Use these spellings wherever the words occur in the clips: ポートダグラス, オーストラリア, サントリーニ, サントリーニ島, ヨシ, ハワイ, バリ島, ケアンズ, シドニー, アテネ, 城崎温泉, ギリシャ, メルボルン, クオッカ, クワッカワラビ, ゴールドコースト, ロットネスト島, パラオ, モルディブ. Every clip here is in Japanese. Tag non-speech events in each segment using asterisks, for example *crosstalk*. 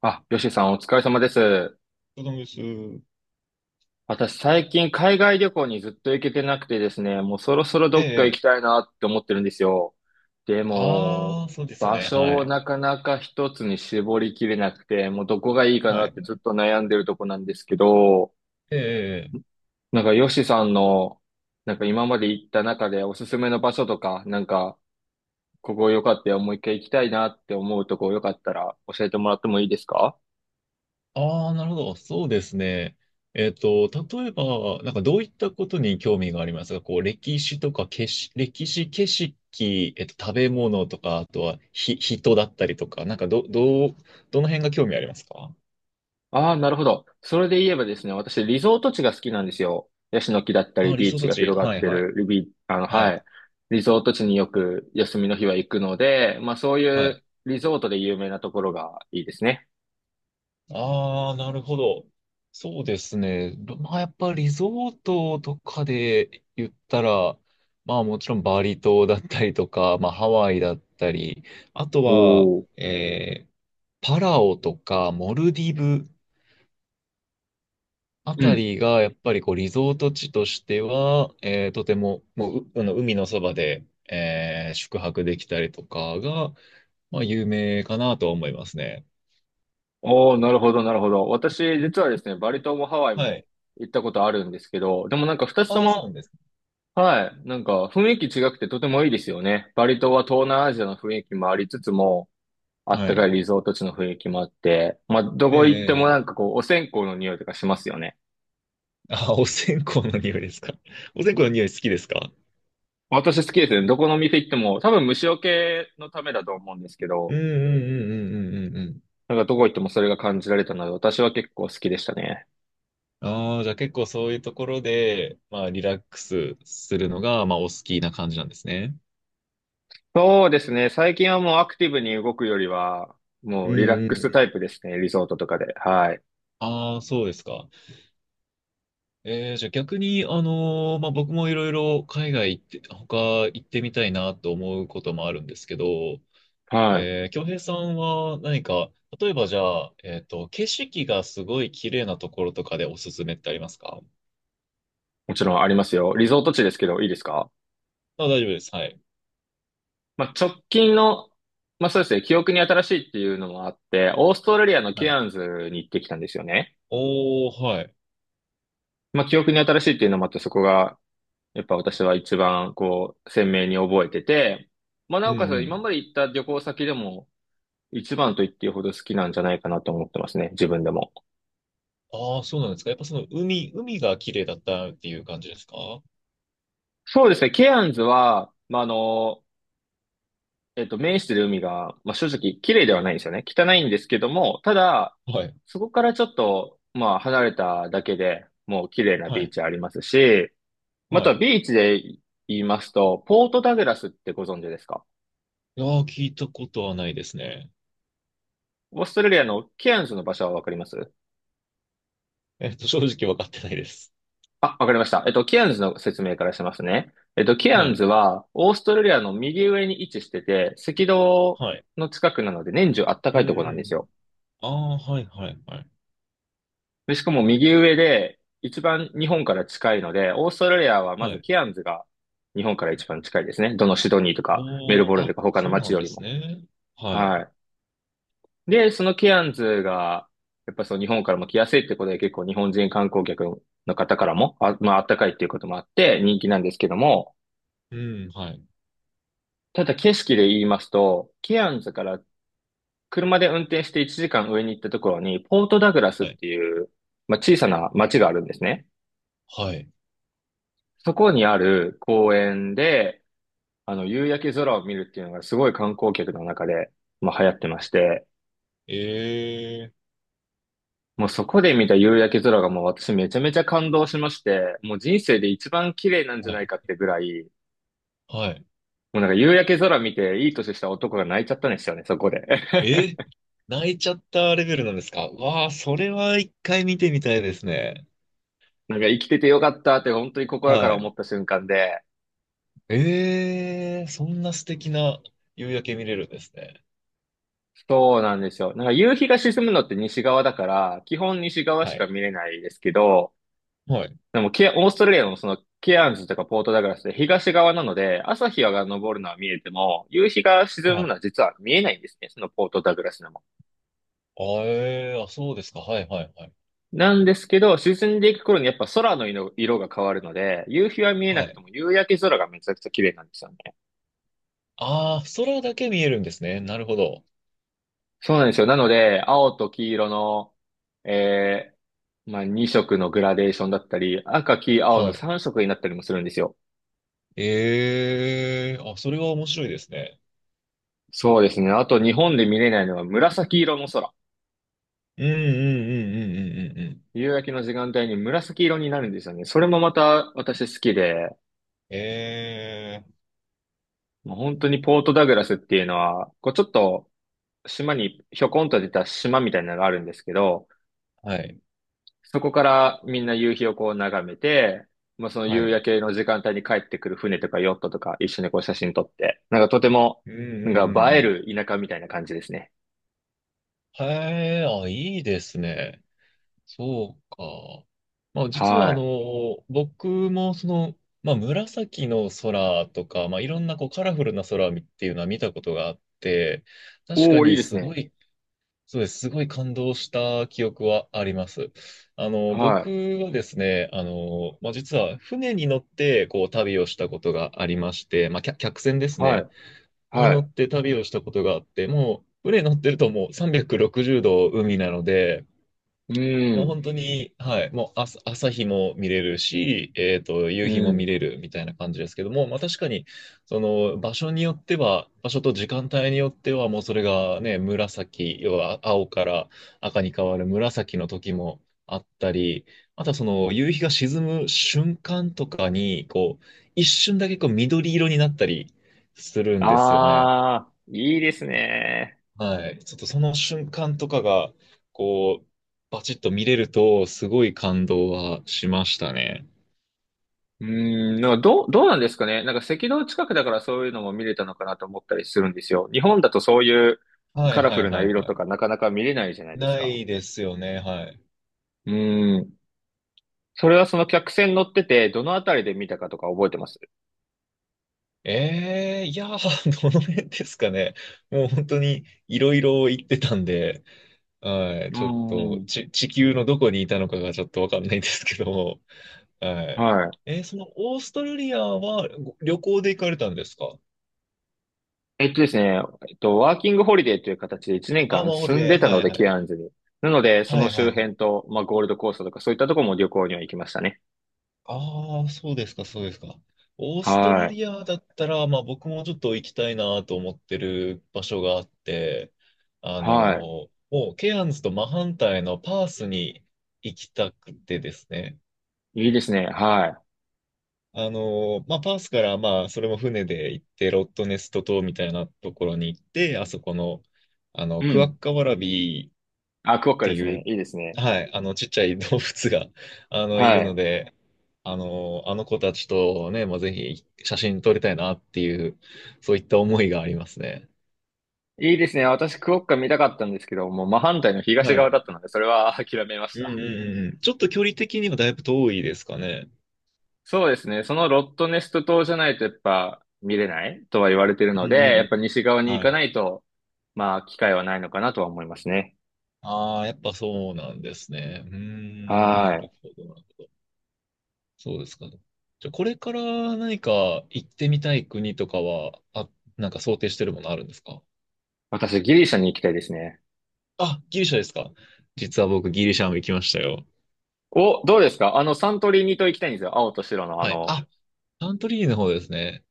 あ、ヨシさんお疲れ様です。ブドウ酒。私最近海外旅行にずっと行けてなくてですね、もうそろそろどえっか行きえ。たいなって思ってるんですよ。でも、ああ、そうですよ場ね。所はをい。なかなか一つに絞りきれなくて、もうどこがいいかはなっい。てずっと悩んでるとこなんですけど、ええ。なんかヨシさんの、なんか今まで行った中でおすすめの場所とか、なんかここ良かったよ、もう一回行きたいなって思うとこよかったら教えてもらってもいいですか？ああ、なるほど。そうですね。例えば、なんかどういったことに興味がありますか？こう、歴史とかけし、歴史、景色、食べ物とか、あとはひ、人だったりとか、なんかど、どう、どの辺が興味ありますか？ああ、なるほど。それで言えばですね、私、リゾート地が好きなんですよ。ヤシの木だったああり、ー、理ビー想チたがち。広がっはい、てはい。る、ビ、あの、ははい。い。リゾート地によく休みの日は行くので、まあそういはうい。リゾートで有名なところがいいですね。ああ、なるほど。そうですね。ど、まあ、やっぱリゾートとかで言ったら、まあもちろんバリ島だったりとか、*laughs* まあハワイだったり、あとおは、お。えーパラオとかモルディブあうたん。りがやっぱりこうリゾート地としては、とても、もう、う、あの海のそばで、宿泊できたりとかが、まあ有名かなとは思いますね。おお、なるほど、なるほど。私、実はですね、バリ島もハワイはもい。行ったことあるんですけど、でもなんか二つとああ、も、そうなんです。はい、なんか雰囲気違くてとてもいいですよね。バリ島は東南アジアの雰囲気もありつつも、あっはたかい。いリゾート地の雰囲気もあって、まあ、どこ行ってもなええ、んかこう、お線香の匂いとかしますよね。あ、お線香の匂いですか。*laughs* お線香の匂い好きですか？私好きですね。どこの店行っても、多分虫除けのためだと思うんですけうど、んうんうんうんうんうんうん。なんかどこ行ってもそれが感じられたので、私は結構好きでしたね。ああ、じゃあ結構そういうところで、まあリラックスするのが、まあお好きな感じなんですね。そうですね。最近はもうアクティブに動くよりは、もううリラッんうんクスうん。タイプですね。リゾートとかで。はい。ああ、そうですか。じゃあ逆に、あの、まあ僕もいろいろ海外行って、他行ってみたいなと思うこともあるんですけど、はい。京平さんは何か、例えばじゃあ、景色がすごい綺麗なところとかでおすすめってありますか？もちろんありますよ。リゾート地ですけど、いいですか？あ、大丈夫です。はい。まあ、直近の、まあそうですね。記憶に新しいっていうのもあって、オーストラリアのはケい。アンズに行ってきたんですよね。おー、はい。まあ、記憶に新しいっていうのもあって、そこが、やっぱ私は一番、こう、鮮明に覚えてて、まあ、うなんおかつ、う今ん。まで行った旅行先でも、一番と言っていいほど好きなんじゃないかなと思ってますね、自分でも。ああ、そうなんですか。やっぱその海、海が綺麗だったっていう感じですか？はそうですね、ケアンズは、まあ、面してる海が、まあ、正直、綺麗ではないんですよね。汚いんですけども、ただ、い。そこからちょっと、まあ、離れただけでもう綺麗なはビーい。チありますし、まはたい。ビーチで言いますと、ポートダグラスってご存知ですか？いやー、聞いたことはないですね。オーストラリアのケアンズの場所はわかります？正直わかってないです。あ、わかりました。ケアンズの説明からしますね。ケアはンズい。は、オーストラリアの右上に位置してて、赤道はい。の近くなので、年中あったうんかいうとこなんんでうすん。よ。ああ、はいはいはい。で、しかも右上で、一番日本から近いので、オーストラリアはまはずい。ケアンズが日本から一番近いですね。どのシドニーとか、メルおボー、ルンとあ、か他のそうな街んよでりすも。ね。はい。はい。で、そのケアンズが、やっぱその日本からも来やすいってことで結構日本人観光客の方からも、あ、まああったかいっていうこともあって人気なんですけども、うん、はい。ただ景色で言いますと、ケアンズから車で運転して1時間上に行ったところに、ポートダグラスっはい。ていう、まあ、小さな町があるんですね。はい。そこにある公園で、夕焼け空を見るっていうのがすごい観光客の中で、まあ、流行ってまして、ええもうそこで見た夕焼け空がもう私めちゃめちゃ感動しまして、もう人生で一番綺麗なんじー、ゃはないかっい。てぐらい、はい。もうなんか夕焼け空見ていい年した男が泣いちゃったんですよね、そこで。え *laughs* ー、泣いちゃったレベルなんですか？わあ、それは一回見てみたいですね。なんか生きててよかったって本当に心からは思い。った瞬間で、ええ、そんな素敵な夕焼け見れるんですね。そうなんですよ。なんか夕日が沈むのって西側だから、基本西側しはかい。見れないですけど、はい。でもオーストラリアのそのケアンズとかポートダグラスって東側なので、朝日が昇るのは見えても、夕日が沈はむい。のは実は見えないんですね、そのポートダグラスのあ、あ、そうですか。はい、はい、はい。なんですけど、沈んでいく頃にやっぱ空の色が変わるので、夕日は見えなはくてい。も夕焼け空がめちゃくちゃ綺麗なんですよね。ああ、空だけ見えるんですね。なるほど。そうなんですよ。なので、青と黄色の、えまあ、2色のグラデーションだったり、赤、黄、青はのい。3色になったりもするんですよ。ええ、あ、それは面白いですね。そうですね。あと日本で見れないのは紫色の空。うん、うん、うん、うん、うん、うん。うん。夕焼けの時間帯に紫色になるんですよね。それもまた私好きで、ええ。もう本当にポートダグラスっていうのは、こうちょっと島にひょこんと出た島みたいなのがあるんですけど、はい。そこからみんな夕日をこう眺めて、もうそのは夕い。焼けの時間帯に帰ってくる船とかヨットとか一緒にこう写真撮って、なんかとても、うん、うなんん、うん、かう映えん。る田舎みたいな感じですね。へえ、あ、いいですね。そうか。まあ実はあはの、僕もその、まあ紫の空とか、まあいろんなこうカラフルな空っていうのは見たことがあって、い。確かおー、いいにですすごね。い、そうです、すごい感動した記憶はあります。あの、は僕い。はですね、あの、まあ実は船に乗ってこう旅をしたことがありまして、まあ客、客船ですはね、い。には乗っい。て旅をしたことがあって、もう船乗ってるともう360度海なので、うもうん。本当に、はい、もう朝、朝日も見れるし、う夕日も見ん。れるみたいな感じですけども、まあ確かに、その場所によっては、場所と時間帯によっては、もうそれがね、紫、要は青から赤に変わる紫の時もあったり、あとはその夕日が沈む瞬間とかに、こう、一瞬だけこう緑色になったりするんですよね。あー、いいですね。はい。ちょっとその瞬間とかが、こう、バチッと見れると、すごい感動はしましたね。うん。なんかどうなんですかね。なんか赤道近くだからそういうのも見れたのかなと思ったりするんですよ。日本だとそういうはカいラフはいルなはい色とはかなかなか見れないじゃないい。ですなか。いですよね、はい。うん。それはその客船乗ってて、どのあたりで見たかとか覚えてます？ええ、いやー、*laughs* どの辺ですかね。もう本当にいろいろ言ってたんで、はい、うちょっとん。ち、地球のどこにいたのかがちょっとわかんないですけども、はい。はい。そのオーストラリアはご旅行で行かれたんですか？えっとですね、えっと、ワーキングホリデーという形で1年あ、間マオリ住んで、でたはのいで、はケい。アンズに。なので、そはのいは周いは辺い。と、まあ、ゴールドコーストとかそういったところも旅行には行きましたね。ああ、そうですか、そうですか。オーストはラリい。アだったら、まあ僕もちょっと行きたいなと思ってる場所があって、あの、はもうケアンズと真反対のパースに行きたくてですね。い。いいですね。はあの、まあパースからまあそれも船で行って、ロットネスト島みたいなところに行って、あそこの、あの、い。うクワん。ッカワラビあ、クオッっカてですいね。う、いいですね。はい、あの、ちっちゃい動物が、*laughs* あの、いはるのい。で、あの、あの子たちとね、まあ、ぜひ写真撮りたいなっていう、そういった思いがありますね。いいですね。私、クオッカ見たかったんですけど、もう真反対の東は側だい。ったので、それは *laughs* 諦めましうんうた。んうん。ちょっと距離的にはだいぶ遠いですかね。そうですね。そのロットネスト島じゃないとやっぱ見れないとは言われてるうので、んうんやうっぱん。西側に行はかい。ないと、まあ機会はないのかなとは思いますね。ああ、やっぱそうなんですね。うーん、なはい。るほど、なるほど。そうですか。じゃあ、これから何か行ってみたい国とかは、あ、なんか想定してるものあるんですか？私、ギリシャに行きたいですね。あ、ギリシャですか。実は僕、ギリシャも行きましたよ。お、どうですか？サントリーニ島行きたいんですよ。青と白のあはい。の、あ、サントリーニの方ですね。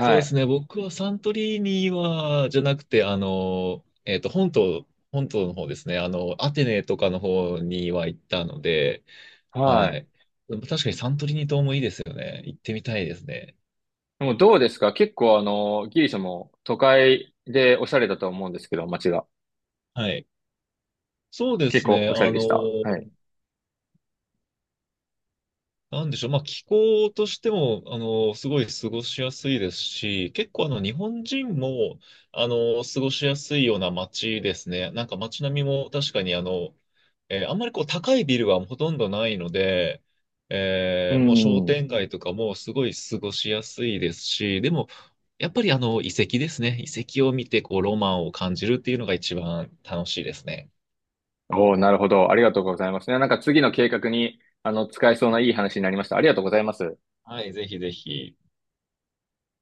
そうですい。ね。僕はサントリーニは、じゃなくて、あの、本島、本島の方ですね。あの、アテネとかの方には行ったので、ははい。い。でも確かにサントリーニ島もいいですよね。行ってみたいですね。でもどうですか？結構ギリシャも都会でおしゃれだと思うんですけど、街が。はい。そうで結す構ね。おしゃれあでの、した。はい。なんでしょう。まあ、気候としても、あの、すごい過ごしやすいですし、結構あの、日本人も、あの、過ごしやすいような街ですね。なんか街並みも確かにあの、あんまりこう、高いビルはほとんどないので、うもう商ん。店街とかもすごい過ごしやすいですし、でも、やっぱりあの、遺跡ですね。遺跡を見て、こう、ロマンを感じるっていうのが一番楽しいですね。おおなるほど。ありがとうございますね。なんか次の計画に、使えそうないい話になりました。ありがとうございます。はい、ぜひぜひ。